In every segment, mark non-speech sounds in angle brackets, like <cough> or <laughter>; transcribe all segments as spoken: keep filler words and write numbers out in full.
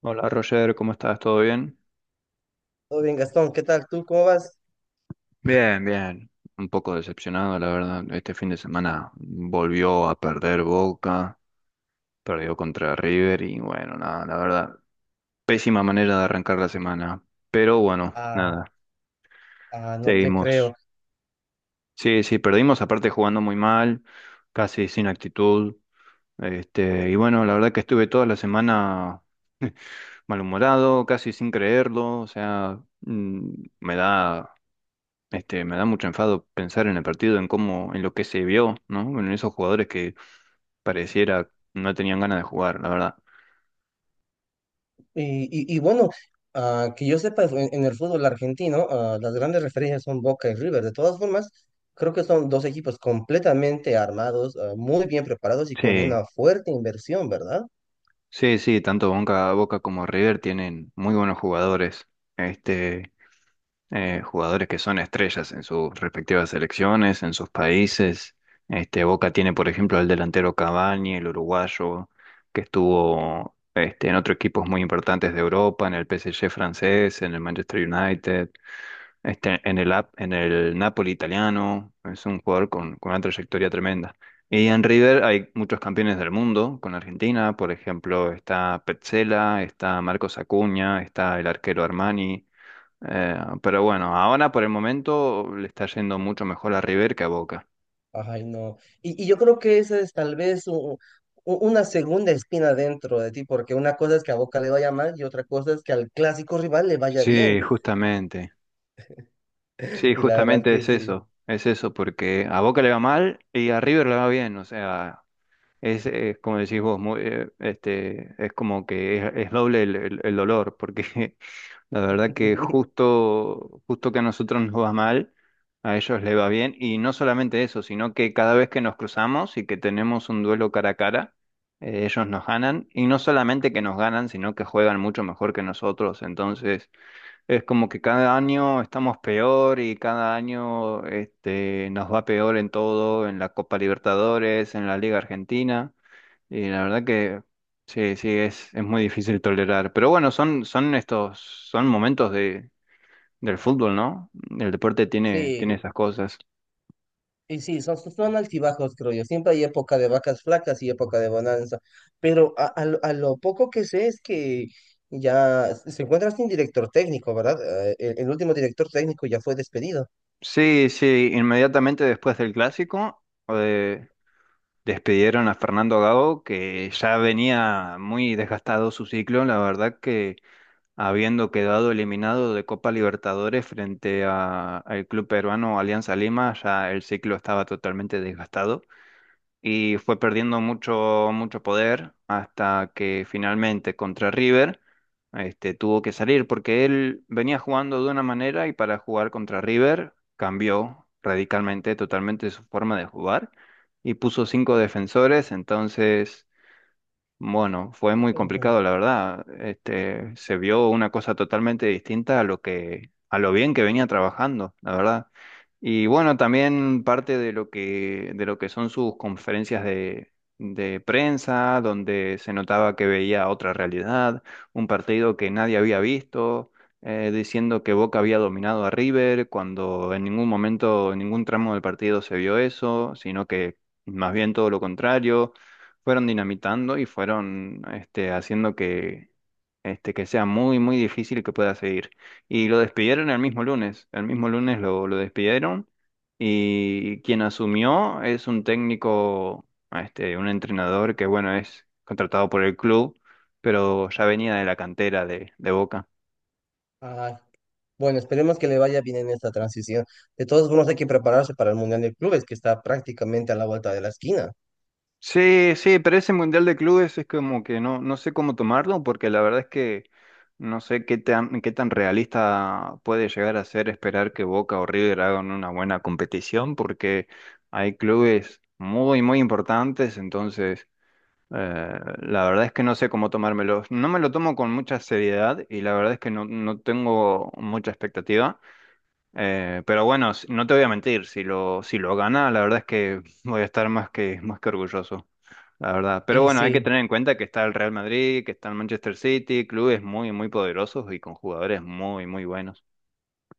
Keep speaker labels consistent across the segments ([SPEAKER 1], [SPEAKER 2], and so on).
[SPEAKER 1] Hola Roger, ¿cómo estás? ¿Todo bien?
[SPEAKER 2] Todo bien, Gastón, ¿qué tal tú? ¿Cómo vas?
[SPEAKER 1] Bien, bien. Un poco decepcionado, la verdad. Este fin de semana volvió a perder Boca, perdió contra River y bueno, nada, la verdad, pésima manera de arrancar la semana. Pero bueno,
[SPEAKER 2] Ah,
[SPEAKER 1] nada,
[SPEAKER 2] ah, no te
[SPEAKER 1] seguimos.
[SPEAKER 2] creo.
[SPEAKER 1] Sí, sí, perdimos, aparte jugando muy mal, casi sin actitud. Este, y bueno, la verdad que estuve toda la semana malhumorado, casi sin creerlo, o sea, mm, me da. Este, me da mucho enfado pensar en el partido, en cómo, en lo que se vio, ¿no? Bueno, en esos jugadores que pareciera no tenían ganas de jugar, la verdad.
[SPEAKER 2] Y, y, y bueno, ah, que yo sepa, en, en el fútbol argentino, ah, las grandes referencias son Boca y River. De todas formas, creo que son dos equipos completamente armados, ah, muy bien preparados y con
[SPEAKER 1] Sí,
[SPEAKER 2] una fuerte inversión, ¿verdad?
[SPEAKER 1] sí, sí, tanto Boca, Boca como River tienen muy buenos jugadores, este, eh, jugadores que son estrellas en sus respectivas selecciones, en sus países. Este, Boca tiene, por ejemplo, al delantero Cavani, el uruguayo, que estuvo, este, en otros equipos muy importantes de Europa, en el P S G francés, en el Manchester United. Este, en el, ap- en el Napoli italiano, es un jugador con, con una trayectoria tremenda. Y en River hay muchos campeones del mundo con Argentina, por ejemplo, está Petzela, está Marcos Acuña, está el arquero Armani. eh, pero bueno, ahora por el momento le está yendo mucho mejor a River que a Boca.
[SPEAKER 2] Ay, no. Y, y yo creo que esa es tal vez u- u- una segunda espina dentro de ti, porque una cosa es que a Boca le vaya mal y otra cosa es que al clásico rival le vaya bien.
[SPEAKER 1] Sí, justamente.
[SPEAKER 2] <laughs>
[SPEAKER 1] Sí,
[SPEAKER 2] Y la verdad
[SPEAKER 1] justamente
[SPEAKER 2] que
[SPEAKER 1] es
[SPEAKER 2] sí.
[SPEAKER 1] eso. Es eso, porque a Boca le va mal y a River le va bien. O sea, es, eh, como decís vos, muy, eh, este, es como que es, es doble el, el- el dolor, porque <laughs> la verdad que
[SPEAKER 2] <laughs>
[SPEAKER 1] justo, justo que a nosotros nos va mal, a ellos les va bien, y no solamente eso, sino que cada vez que nos cruzamos y que tenemos un duelo cara a cara, eh, ellos nos ganan, y no solamente que nos ganan, sino que juegan mucho mejor que nosotros, entonces es como que cada año estamos peor y cada año este, nos va peor en todo, en la Copa Libertadores, en la Liga Argentina. Y la verdad que sí, sí, es, es muy difícil tolerar. Pero bueno, son, son estos, son momentos de, del fútbol, ¿no? El deporte tiene,
[SPEAKER 2] Sí.
[SPEAKER 1] tiene esas cosas.
[SPEAKER 2] Y sí, son, son altibajos, creo yo. Siempre hay época de vacas flacas y época de bonanza. Pero a, a lo a lo poco que sé es que ya s- se encuentra sin director técnico, ¿verdad? Eh, El, el último director técnico ya fue despedido.
[SPEAKER 1] Sí, sí, inmediatamente después del clásico, eh, despidieron a Fernando Gago, que ya venía muy desgastado su ciclo, la verdad que habiendo quedado eliminado de Copa Libertadores frente a, al club peruano Alianza Lima, ya el ciclo estaba totalmente desgastado. Y fue perdiendo mucho, mucho poder hasta que finalmente contra River este, tuvo que salir porque él venía jugando de una manera y para jugar contra River cambió radicalmente, totalmente su forma de jugar y puso cinco defensores, entonces bueno, fue muy
[SPEAKER 2] Ujú.
[SPEAKER 1] complicado, la verdad. Este, se vio una cosa totalmente distinta a lo que, a lo bien que venía trabajando, la verdad. Y bueno, también parte de lo que, de lo que son sus conferencias de, de prensa, donde se notaba que veía otra realidad, un partido que nadie había visto, eh, diciendo que Boca había dominado a River, cuando en ningún momento, en ningún tramo del partido se vio eso, sino que más bien todo lo contrario fueron dinamitando y fueron este, haciendo que, este, que sea muy, muy difícil que pueda seguir. Y lo despidieron el mismo lunes, el mismo lunes lo, lo despidieron y quien asumió es un técnico, este, un entrenador que, bueno, es contratado por el club, pero ya venía de la cantera de, de Boca.
[SPEAKER 2] Ay, bueno, esperemos que le vaya bien en esta transición. De todos modos, hay que prepararse para el Mundial de Clubes, que está prácticamente a la vuelta de la esquina.
[SPEAKER 1] Sí, sí, pero ese Mundial de Clubes es como que no, no sé cómo tomarlo, porque la verdad es que no sé qué tan, qué tan realista puede llegar a ser esperar que Boca o River hagan una buena competición, porque hay clubes muy, muy importantes, entonces eh, la verdad es que no sé cómo tomármelo. No me lo tomo con mucha seriedad y la verdad es que no, no tengo mucha expectativa, eh, pero bueno, s- no te voy a mentir, si lo, si lo gana, la verdad es que <laughs> voy a estar más que, más que orgulloso la verdad. Pero
[SPEAKER 2] Y
[SPEAKER 1] bueno, hay que
[SPEAKER 2] sí.
[SPEAKER 1] tener en cuenta que está el Real Madrid, que está el Manchester City, clubes muy, muy poderosos y con jugadores muy, muy buenos.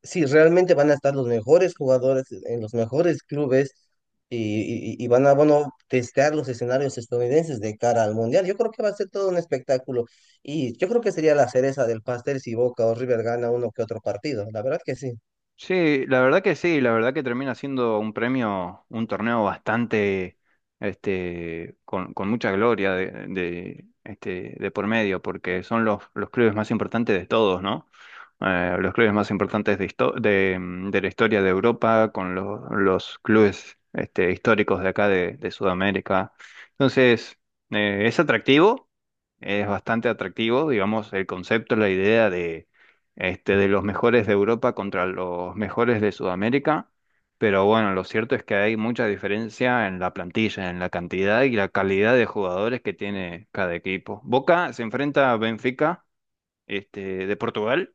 [SPEAKER 2] Sí, realmente van a estar los mejores jugadores en los mejores clubes y, y- y van a, bueno, testear los escenarios estadounidenses de cara al Mundial. Yo creo que va a ser todo un espectáculo y yo creo que sería la cereza del pastel si Boca o River gana uno que otro partido. La verdad que sí.
[SPEAKER 1] Sí, la verdad que sí, la verdad que termina siendo un premio, un torneo bastante, este, con, con mucha gloria de, de, este, de por medio, porque son los, los clubes más importantes de todos, ¿no? Eh, los clubes más importantes de, histo- de, mm, de la historia de Europa, con los, los clubes, este, históricos de acá de, de Sudamérica. Entonces, eh, es atractivo, es bastante atractivo, digamos, el concepto, la idea este, de los mejores de Europa contra los mejores de Sudamérica, pero bueno, lo cierto es que hay mucha diferencia en la plantilla, en la cantidad y la calidad de jugadores que tiene cada equipo. Boca se enfrenta a Benfica, este, de Portugal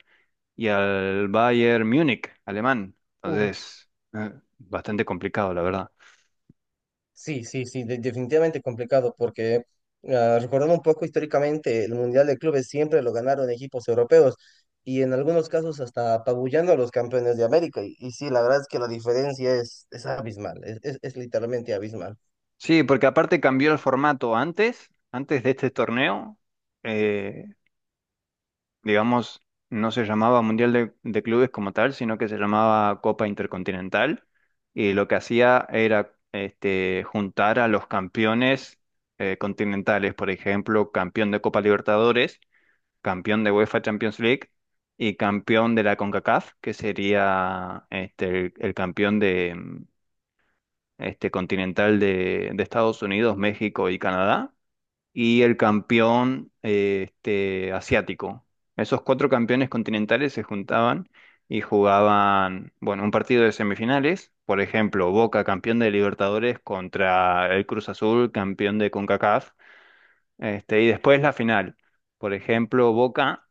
[SPEAKER 1] y al Bayern Múnich, alemán. Entonces, eh, bastante complicado, la verdad.
[SPEAKER 2] Sí, sí, sí, de- definitivamente complicado porque ah, recordando un poco históricamente, el Mundial de Clubes siempre lo ganaron equipos europeos y en algunos casos hasta apabullando a los campeones de América. Y, y sí, la verdad es que la diferencia es, es abismal, es, es- es literalmente abismal.
[SPEAKER 1] Sí, porque aparte cambió el formato antes, antes de este torneo. eh, digamos, no se llamaba Mundial de, de Clubes como tal, sino que se llamaba Copa Intercontinental. Y lo que hacía era este, juntar a los campeones eh, continentales, por ejemplo, campeón de Copa Libertadores, campeón de UEFA Champions League y campeón de la CONCACAF, que sería este, el, el campeón de, mm, este, continental de, de Estados Unidos, México y Canadá y el campeón eh, este, asiático. Esos cuatro campeones continentales se juntaban y jugaban, bueno, un partido de semifinales, por ejemplo, Boca campeón de Libertadores contra el Cruz Azul campeón de CONCACAF, este, y después la final. Por ejemplo, Boca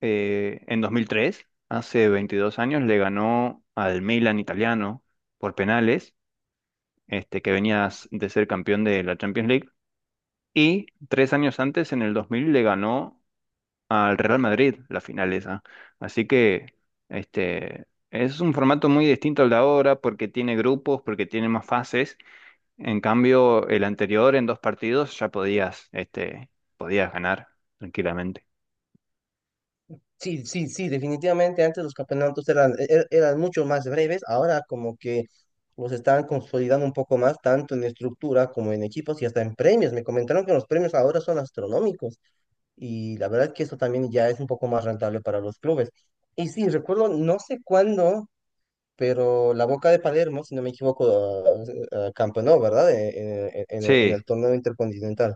[SPEAKER 1] eh, en dos mil tres, hace veintidós años, le ganó al Milan italiano por penales, este, que venía de ser campeón de la Champions League. Y tres años antes, en el dos mil, le ganó al Real Madrid la final esa. Así que este, es un formato muy distinto al de ahora porque tiene grupos, porque tiene más fases. En cambio, el anterior, en dos partidos, ya podías, este, podías ganar tranquilamente.
[SPEAKER 2] Sí, sí, sí, definitivamente antes los campeonatos eran, er- eran mucho más breves, ahora como que los están consolidando un poco más, tanto en estructura como en equipos y hasta en premios. Me comentaron que los premios ahora son astronómicos. Y la verdad que eso también ya es un poco más rentable para los clubes. Y sí, recuerdo, no sé cuándo, pero la Boca de Palermo, si no me equivoco, ah, ah, campeonó, ¿verdad? Eh, eh, En, en el
[SPEAKER 1] Sí,
[SPEAKER 2] torneo intercontinental.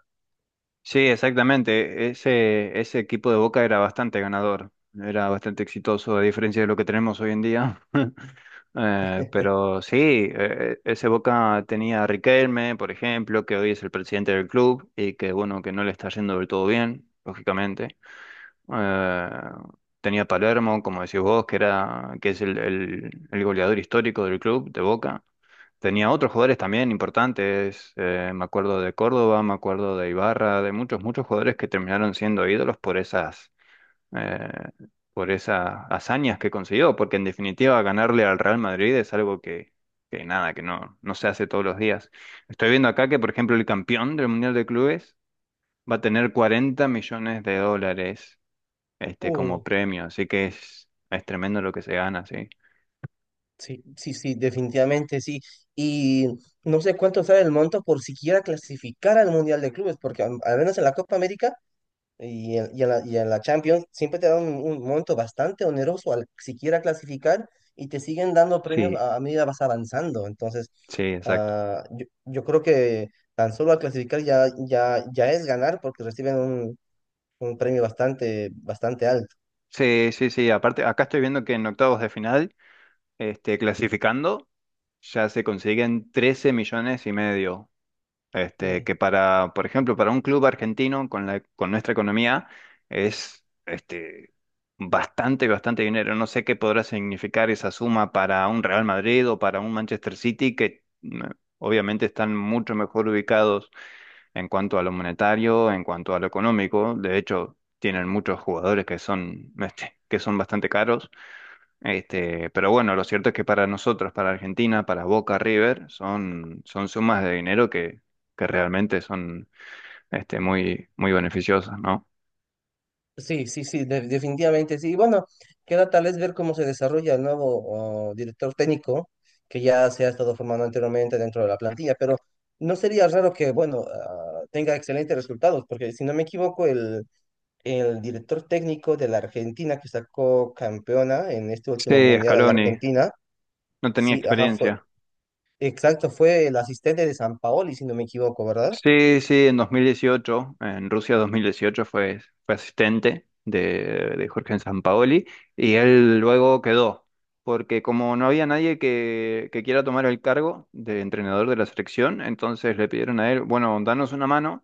[SPEAKER 1] sí, exactamente. E-, Ese, ese equipo de Boca era bastante ganador, era bastante exitoso, a diferencia de lo que tenemos hoy en día. Eh, pero sí, eh, e, ese Boca tenía a Riquelme, por ejemplo, que hoy es el presidente del club y que bueno, que no le está yendo del todo bien, lógicamente. Eh, tenía a Palermo, como decís vos, que era, que es el, el- el goleador histórico del club de Boca. Tenía otros jugadores también importantes, eh, me acuerdo de Córdoba, me acuerdo de Ibarra, de muchos, muchos jugadores que terminaron siendo ídolos por esas eh, por esas hazañas que consiguió, porque en definitiva ganarle al Real Madrid es algo que, que nada, que no, no se hace todos los días. Estoy viendo acá que, por ejemplo, el campeón del Mundial de Clubes va a tener cuarenta millones de dólares este, como premio, así que es, es tremendo lo que se gana, sí.
[SPEAKER 2] Sí, sí, sí, definitivamente sí. Y no sé cuánto sale el monto por siquiera clasificar al Mundial de Clubes, porque am- al menos en la Copa América y en, y en la, y en la Champions siempre te dan un, un monto bastante oneroso al siquiera clasificar y te siguen dando premios
[SPEAKER 1] Sí,
[SPEAKER 2] a, a medida vas avanzando. Entonces,
[SPEAKER 1] sí, exacto.
[SPEAKER 2] ah, yo, yo creo que tan solo al clasificar ya, ya, ya es ganar porque reciben un, un premio bastante, bastante alto.
[SPEAKER 1] Sí, sí, sí, aparte, acá estoy viendo que en octavos de final, este, clasificando, ya se consiguen trece millones y medio. Este,
[SPEAKER 2] Uy.
[SPEAKER 1] que para, por ejemplo, para un club argentino con la, con nuestra economía es este, bastante, bastante dinero. No sé qué podrá significar esa suma para un Real Madrid o para un Manchester City, que mm, obviamente están mucho mejor ubicados en cuanto a lo monetario, en cuanto a lo económico. De hecho, tienen muchos jugadores que son, este, que son bastante caros. Este, pero bueno, lo cierto es que para nosotros, para Argentina, para Boca River, son, son sumas de dinero que, que realmente son este, muy, muy beneficiosas, ¿no?
[SPEAKER 2] Sí, sí, sí, de- definitivamente sí. Y bueno, queda tal vez ver cómo se desarrolla el nuevo uh, director técnico que ya se ha estado formando anteriormente dentro de la plantilla, pero no sería raro que, bueno, ah, tenga excelentes resultados, porque si no me equivoco, el, el director técnico de la Argentina que sacó campeona en este último
[SPEAKER 1] Sí,
[SPEAKER 2] mundial a la
[SPEAKER 1] Scaloni,
[SPEAKER 2] Argentina,
[SPEAKER 1] no tenía
[SPEAKER 2] sí, ajá, fue,
[SPEAKER 1] experiencia.
[SPEAKER 2] exacto, fue el asistente de San Paoli, si no me equivoco, ¿verdad?
[SPEAKER 1] Sí, sí, en dos mil dieciocho, en Rusia dos mil dieciocho fue, fue asistente de, de Jorge Sampaoli y él luego quedó, porque como no había nadie que, que quiera tomar el cargo de entrenador de la selección, entonces le pidieron a él, bueno, danos una mano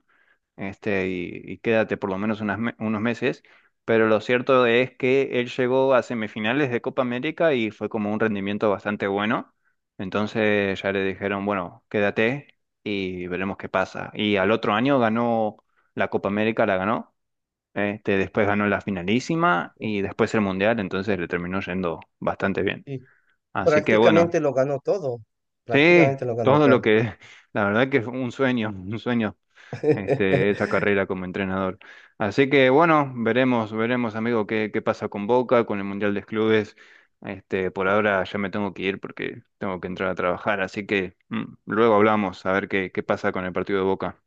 [SPEAKER 1] este, y, y quédate por lo menos unas me- unos meses. Pero lo cierto es que él llegó a semifinales de Copa América y fue como un rendimiento bastante bueno. Entonces ya le dijeron, bueno, quédate y veremos qué pasa. Y al otro año ganó la Copa América, la ganó. Este, después ganó la finalísima y después el Mundial, entonces le terminó yendo bastante bien.
[SPEAKER 2] Sí.
[SPEAKER 1] Así que bueno,
[SPEAKER 2] Prácticamente lo ganó todo,
[SPEAKER 1] sí,
[SPEAKER 2] prácticamente lo ganó
[SPEAKER 1] todo lo
[SPEAKER 2] todo.
[SPEAKER 1] que, <laughs> la verdad que fue un sueño, un sueño este, esa
[SPEAKER 2] <laughs>
[SPEAKER 1] carrera como entrenador. Así que bueno, veremos, veremos, amigo, qué, qué pasa con Boca, con el Mundial de Clubes. Este, por ahora ya me tengo que ir porque tengo que entrar a trabajar, así que mm, luego hablamos a ver qué, qué pasa con el partido de Boca.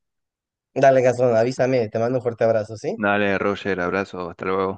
[SPEAKER 2] Dale, Gastón, avísame, te mando un fuerte abrazo, ¿sí?
[SPEAKER 1] Dale, Roger, abrazo, hasta luego.